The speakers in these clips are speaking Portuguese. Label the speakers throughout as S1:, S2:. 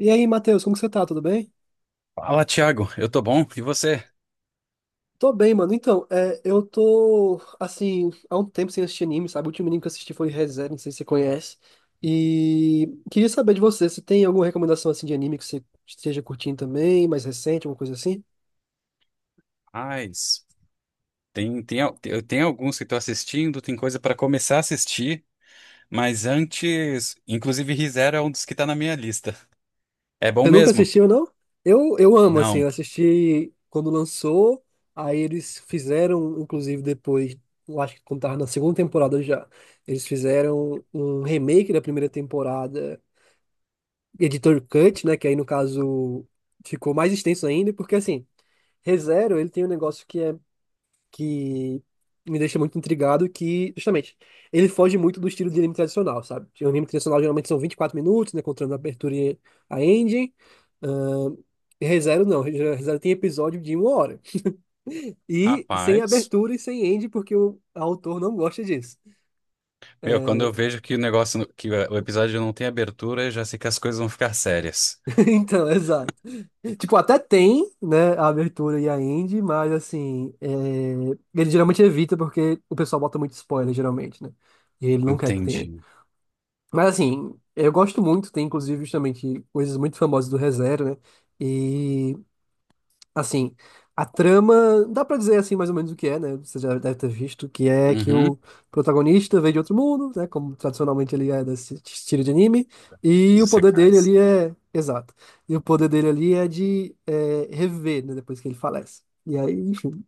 S1: E aí, Matheus, como que você tá? Tudo bem?
S2: Fala, Thiago. Eu tô bom. E você?
S1: Tô bem, mano. Então, é, eu tô, assim, há um tempo sem assistir anime, sabe? O último anime que eu assisti foi Re:Zero, não sei se você conhece. E queria saber de você, se tem alguma recomendação, assim, de anime que você esteja curtindo também, mais recente, alguma coisa assim?
S2: Mas eu tenho alguns que tô assistindo, tem coisa pra começar a assistir, mas antes, inclusive ReZero é um dos que tá na minha lista. É bom
S1: Você nunca
S2: mesmo?
S1: assistiu, não? Eu amo, assim,
S2: Não.
S1: eu assisti quando lançou, aí eles fizeram, inclusive, depois, eu acho que quando tava na segunda temporada já, eles fizeram um remake da primeira temporada, editor cut, né? Que aí no caso ficou mais extenso ainda, porque assim, ReZero, ele tem um negócio que é que me deixa muito intrigado, que justamente ele foge muito do estilo de anime tradicional, sabe? O anime tradicional geralmente são 24 minutos, né? Contando a abertura e a ending. Ahn, ReZero não, ReZero tem episódio de uma hora. E sem
S2: Rapaz,
S1: abertura e sem ending, porque o autor não gosta disso.
S2: meu, quando eu
S1: É,
S2: vejo que o episódio não tem abertura, eu já sei que as coisas vão ficar sérias.
S1: então, exato. Tipo, até tem, né, a abertura e a end, mas assim, é, ele geralmente evita porque o pessoal bota muito spoiler, geralmente, né? E ele não quer que tenha.
S2: Entendi.
S1: Mas assim, eu gosto muito, tem inclusive justamente coisas muito famosas do ReZero, né? Assim, a trama, dá pra dizer assim mais ou menos o que é, né? Você já deve ter visto, que é que
S2: Uhum.
S1: o protagonista veio de outro mundo, né? Como tradicionalmente ele é desse estilo de anime, e o
S2: Os
S1: poder dele
S2: secais.
S1: ali é, exato, e o poder dele ali é de é, reviver, né? Depois que ele falece. E aí, enfim,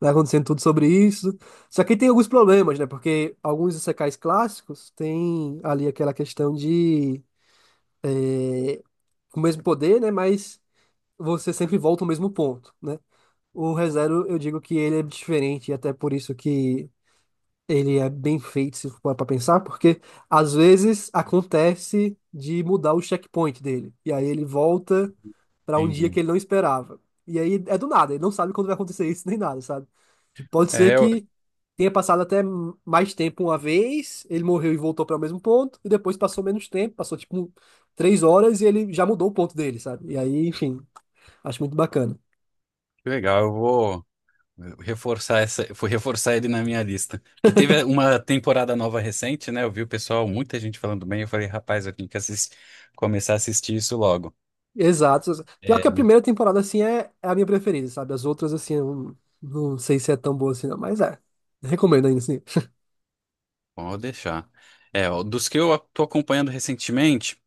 S1: vai acontecendo tudo sobre isso. Só que tem alguns problemas, né? Porque alguns isekais clássicos têm ali aquela questão de eh, com o mesmo poder, né? Mas você sempre volta ao mesmo ponto, né? O ReZero, eu digo que ele é diferente, e até por isso que ele é bem feito, se for para pensar, porque às vezes acontece de mudar o checkpoint dele. E aí ele volta para um dia que
S2: Entendi.
S1: ele não esperava. E aí é do nada, ele não sabe quando vai acontecer isso nem nada, sabe? Tipo, pode ser
S2: É,
S1: que tenha passado até mais tempo uma vez, ele morreu e voltou para o mesmo ponto, e depois passou menos tempo, passou tipo 3 horas e ele já mudou o ponto dele, sabe? E aí, enfim, acho muito bacana.
S2: que legal. Eu vou. Reforçar essa, Vou reforçar ele na minha lista. Que teve uma temporada nova recente, né? Eu vi o pessoal, muita gente falando bem. Eu falei, rapaz, eu tenho que começar a assistir isso logo.
S1: Exato. Pior
S2: É,
S1: que a primeira temporada, assim, é a minha preferida, sabe? As outras, assim, eu não sei se é tão boa assim, não, mas é. Recomendo ainda, assim.
S2: pode deixar. É, ó, dos que eu tô acompanhando recentemente,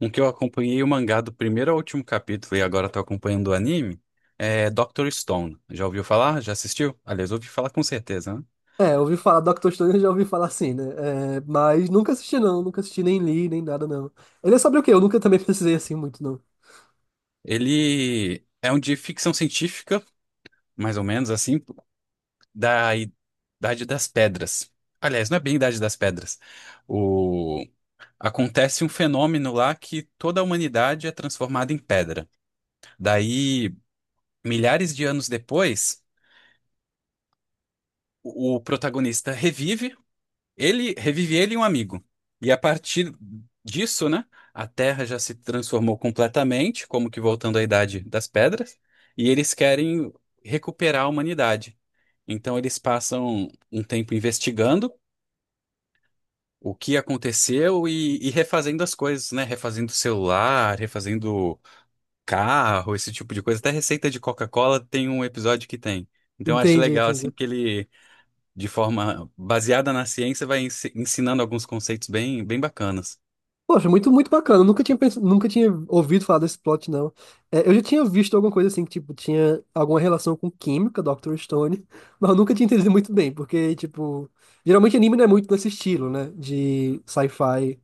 S2: um que eu acompanhei o mangá do primeiro ao último capítulo e agora tô acompanhando o anime, é Dr. Stone. Já ouviu falar? Já assistiu? Aliás, ouvi falar com certeza, né?
S1: É, eu ouvi falar Doctor Stone, eu já ouvi falar assim, né? É, mas nunca assisti, não. Nunca assisti, nem li, nem nada, não. Ele é sobre o quê? Eu nunca também precisei, assim, muito, não.
S2: Ele é um de ficção científica, mais ou menos assim, da Idade das Pedras. Aliás, não é bem Idade das Pedras. O... Acontece um fenômeno lá que toda a humanidade é transformada em pedra. Daí, milhares de anos depois, o protagonista revive ele e um amigo. E a partir disso, né, a Terra já se transformou completamente, como que voltando à Idade das Pedras, e eles querem recuperar a humanidade. Então eles passam um tempo investigando o que aconteceu e refazendo as coisas, né? Refazendo celular, refazendo carro, esse tipo de coisa. Até receita de Coca-Cola tem um episódio que tem. Então eu acho
S1: Entendi,
S2: legal, assim,
S1: entendi.
S2: que ele, de forma baseada na ciência, vai ensinando alguns conceitos bem, bem bacanas.
S1: Poxa, muito, muito bacana. Eu nunca tinha ouvido falar desse plot, não. É, eu já tinha visto alguma coisa assim, que, tipo, tinha alguma relação com química, Dr. Stone, mas eu nunca tinha entendido muito bem, porque, tipo, geralmente anime não é muito nesse estilo, né? De sci-fi.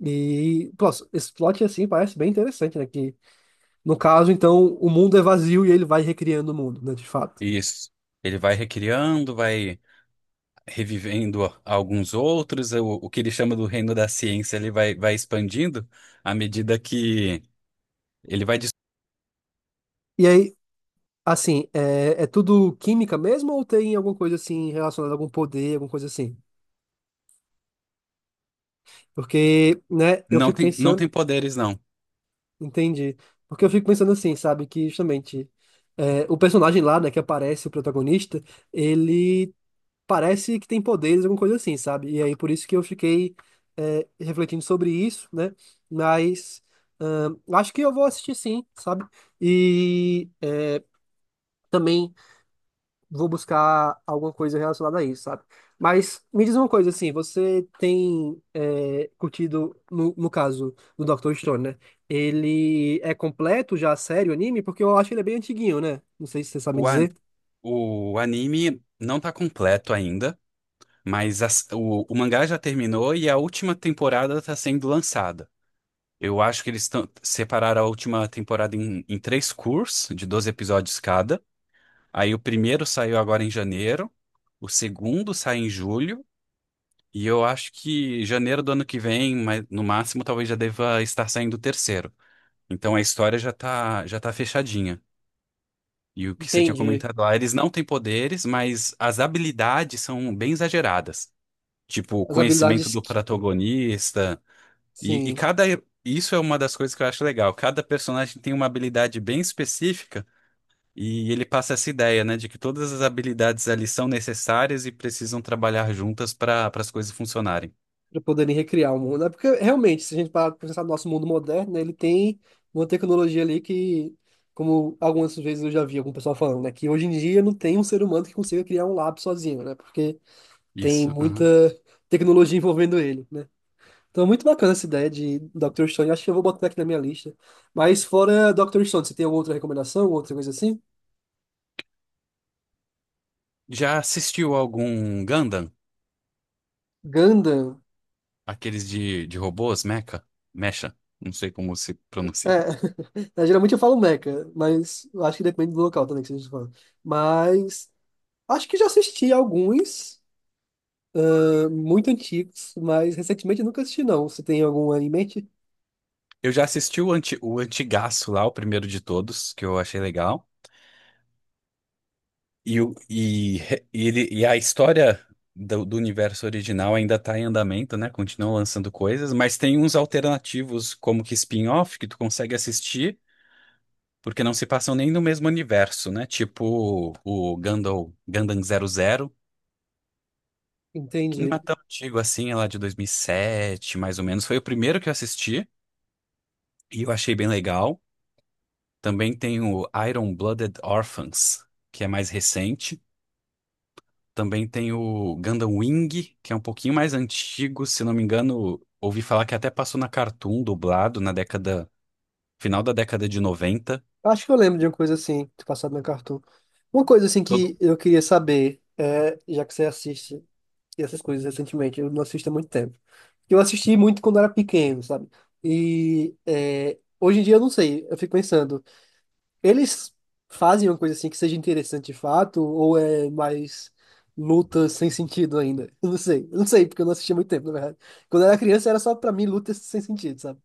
S1: E, pô, esse plot, assim, parece bem interessante, né? Que, no caso, então, o mundo é vazio e ele vai recriando o mundo, né, de fato.
S2: E isso. Ele vai recriando, vai revivendo alguns outros, o que ele chama do reino da ciência, ele vai expandindo à medida que ele vai.
S1: E aí, assim, é, tudo química mesmo ou tem alguma coisa, assim, relacionada a algum poder, alguma coisa assim? Porque, né, eu
S2: Não
S1: fico
S2: tem, não tem
S1: pensando.
S2: poderes, não.
S1: Entendi. Porque eu fico pensando assim, sabe, que justamente é, o personagem lá, né, que aparece, o protagonista, ele parece que tem poderes, alguma coisa assim, sabe? E aí por isso que eu fiquei é, refletindo sobre isso, né? Mas acho que eu vou assistir sim, sabe? E é, também vou buscar alguma coisa relacionada a isso, sabe? Mas me diz uma coisa, assim, você tem é, curtido, no caso do Dr. Stone, né? Ele é completo já, sério, o anime? Porque eu acho que ele é bem antiguinho, né? Não sei se você sabe me
S2: O, a-
S1: dizer.
S2: O anime não tá completo ainda, mas o mangá já terminou e a última temporada tá sendo lançada. Eu acho que separaram a última temporada em três cursos, de 12 episódios cada. Aí o primeiro saiu agora em janeiro, o segundo sai em julho, e eu acho que janeiro do ano que vem, mas no máximo, talvez já deva estar saindo o terceiro. Então a história já tá fechadinha. E o que você tinha
S1: Entendi.
S2: comentado lá, eles não têm poderes, mas as habilidades são bem exageradas. Tipo, o
S1: As
S2: conhecimento
S1: habilidades,
S2: do protagonista. E
S1: sim,
S2: cada. Isso é uma das coisas que eu acho legal. Cada personagem tem uma habilidade bem específica e ele passa essa ideia, né, de que todas as habilidades ali são necessárias e precisam trabalhar juntas para as coisas funcionarem.
S1: para poderem recriar o mundo. É porque, realmente, se a gente parar pra pensar no nosso mundo moderno, né, ele tem uma tecnologia ali que, como algumas vezes eu já vi algum pessoal falando, né, que hoje em dia não tem um ser humano que consiga criar um lápis sozinho, né? Porque tem
S2: Isso.
S1: muita
S2: Aham.
S1: tecnologia envolvendo ele, né? Então, é muito bacana essa ideia de Dr. Stone. Acho que eu vou botar aqui na minha lista. Mas fora Dr. Stone, você tem alguma outra recomendação, outra coisa assim?
S2: Já assistiu algum Gundam?
S1: Gundam.
S2: Aqueles de robôs, mecha? Mecha? Não sei como se
S1: É,
S2: pronuncia.
S1: é, geralmente eu falo Mecha, mas eu acho que depende do local também que vocês falam. Mas acho que já assisti alguns, muito antigos, mas recentemente eu nunca assisti, não. Você tem algum em mente?
S2: Eu já assisti o Antigaço lá, o primeiro de todos, que eu achei legal. E, e a história do universo original ainda está em andamento, né? Continuam lançando coisas, mas tem uns alternativos, como que spin-off, que tu consegue assistir, porque não se passam nem no mesmo universo, né? Tipo o Gundam, Gundam 00, que não
S1: Entendi.
S2: é tão antigo assim, é lá de 2007 mais ou menos. Foi o primeiro que eu assisti e eu achei bem legal. Também tem o Iron-Blooded Orphans, que é mais recente. Também tem o Gundam Wing, que é um pouquinho mais antigo, se não me engano, ouvi falar que até passou na Cartoon dublado na década, final da década de noventa.
S1: Acho que eu lembro de uma coisa assim, que passado na Cartoon. Uma coisa assim
S2: Eu-
S1: que eu queria saber, é, já que você assiste e essas coisas recentemente. Eu não assisto há muito tempo. Eu assisti muito quando era pequeno, sabe? E é, hoje em dia eu não sei. Eu fico pensando, eles fazem uma coisa assim que seja interessante de fato ou é mais luta sem sentido ainda? Eu não sei. Eu não sei, porque eu não assisti há muito tempo, na verdade. Quando eu era criança era só pra mim luta sem sentido, sabe?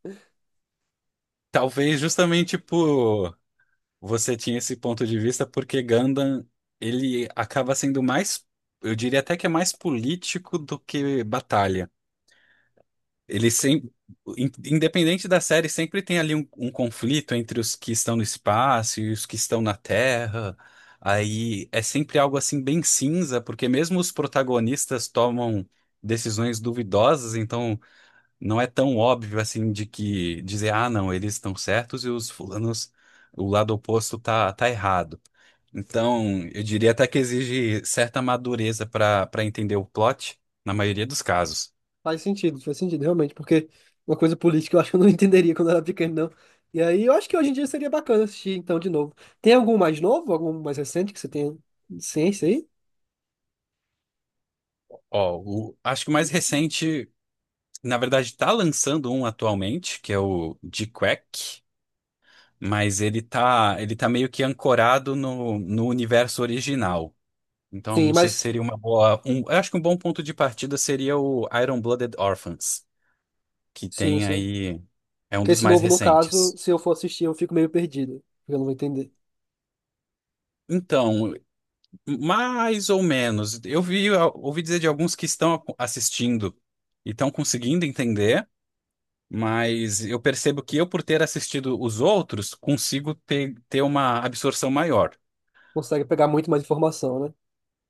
S2: Talvez justamente por você tinha esse ponto de vista, porque Gundam, ele acaba sendo mais, eu diria até que é mais político do que batalha. Ele sempre, independente da série, sempre tem ali um conflito entre os que estão no espaço e os que estão na Terra. Aí é sempre algo assim bem cinza, porque mesmo os protagonistas tomam decisões duvidosas, então não é tão óbvio assim de que dizer, ah, não, eles estão certos e os fulanos, o lado oposto tá errado. Então, eu diria até que exige certa madureza para entender o plot na maioria dos casos.
S1: Faz sentido, realmente, porque uma coisa política eu acho que eu não entenderia quando eu era pequeno, não. E aí eu acho que hoje em dia seria bacana assistir então de novo. Tem algum mais novo, algum mais recente que você tenha ciência aí?
S2: Ó, acho que o mais recente, na verdade, tá lançando um atualmente, que é o G-Quack, mas ele tá meio que ancorado no universo original. Então,
S1: Sim,
S2: não sei se
S1: mas.
S2: seria uma boa. Eu acho que um bom ponto de partida seria o Iron-Blooded Orphans, que
S1: Sim,
S2: tem
S1: sim.
S2: aí. É um
S1: Porque
S2: dos
S1: esse
S2: mais
S1: novo, no caso,
S2: recentes.
S1: se eu for assistir, eu fico meio perdido. Porque eu não vou entender.
S2: Então, mais ou menos. Ouvi dizer de alguns que estão assistindo e estão conseguindo entender. Mas eu percebo que eu, por ter assistido os outros, consigo ter uma absorção maior.
S1: Consegue pegar muito mais informação, né?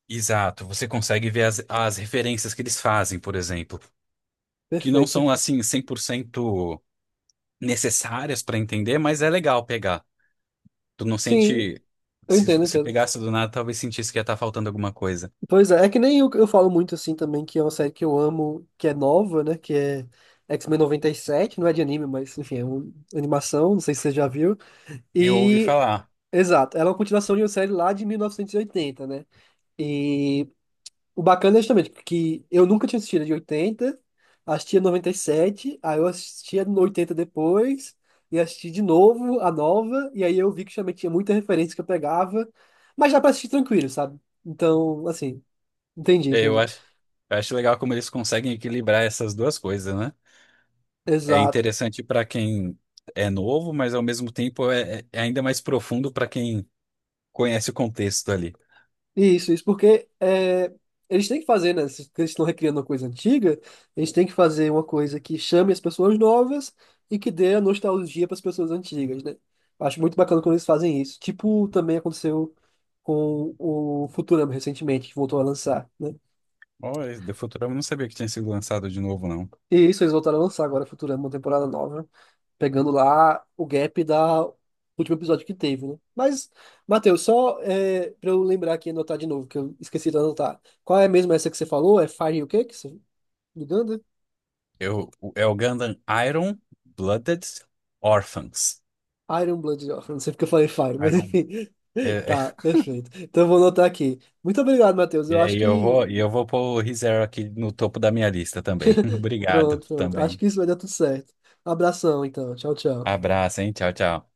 S2: Exato, você consegue ver as referências que eles fazem, por exemplo, que não
S1: Perfeito,
S2: são
S1: perfeito.
S2: assim 100% necessárias para entender, mas é legal pegar. Tu não
S1: Sim,
S2: sente.
S1: eu
S2: Se,
S1: entendo,
S2: se
S1: entendo.
S2: pegasse do nada, talvez sentisse que ia estar faltando alguma coisa.
S1: Pois é que nem eu, falo muito assim também, que é uma série que eu amo, que é nova, né? Que é X-Men 97, não é de anime, mas enfim, é uma animação, não sei se você já viu.
S2: Eu ouvi
S1: E.
S2: falar.
S1: Exato, ela é uma continuação de uma série lá de 1980, né? E o bacana é justamente que eu nunca tinha assistido a de 80, assistia sete aí eu assistia no 80 depois, e assisti de novo a nova, e aí eu vi que justamente tinha muita referência que eu pegava, mas dá pra assistir tranquilo, sabe? Então, assim, entendi,
S2: É, Eu
S1: entendi.
S2: acho, eu acho legal como eles conseguem equilibrar essas duas coisas, né? É
S1: Exato.
S2: interessante para quem é novo, mas ao mesmo tempo é ainda mais profundo para quem conhece o contexto ali.
S1: Isso, porque é, eles têm que fazer, né? Se eles estão recriando uma coisa antiga, eles têm que fazer uma coisa que chame as pessoas novas e que dê a nostalgia para as pessoas antigas, né? Acho muito bacana quando eles fazem isso. Tipo, também aconteceu com o Futurama recentemente, que voltou a lançar, né?
S2: Oh, esse The Futurama eu não sabia que tinha sido lançado de novo, não.
S1: E isso, eles voltaram a lançar agora Futurama, uma temporada nova, pegando lá o gap da do último episódio que teve, né? Mas, Matheus, só é, para eu lembrar aqui e anotar de novo, que eu esqueci de anotar. Qual é mesmo essa que você falou? É Fire o quê? Que você... Uganda?
S2: É o Gundam Iron Blooded Orphans.
S1: Iron Blood, ó, não sei porque eu falei Fire, mas
S2: Iron.
S1: enfim.
S2: É, é,
S1: Tá, perfeito. Então eu vou anotar aqui. Muito obrigado, Matheus. Eu acho
S2: e
S1: que.
S2: eu vou pôr o ReZero aqui no topo da minha lista também. Obrigado
S1: Pronto, pronto. Acho
S2: também.
S1: que isso vai dar tudo certo. Abração, então. Tchau, tchau.
S2: Abraço, hein? Tchau, tchau.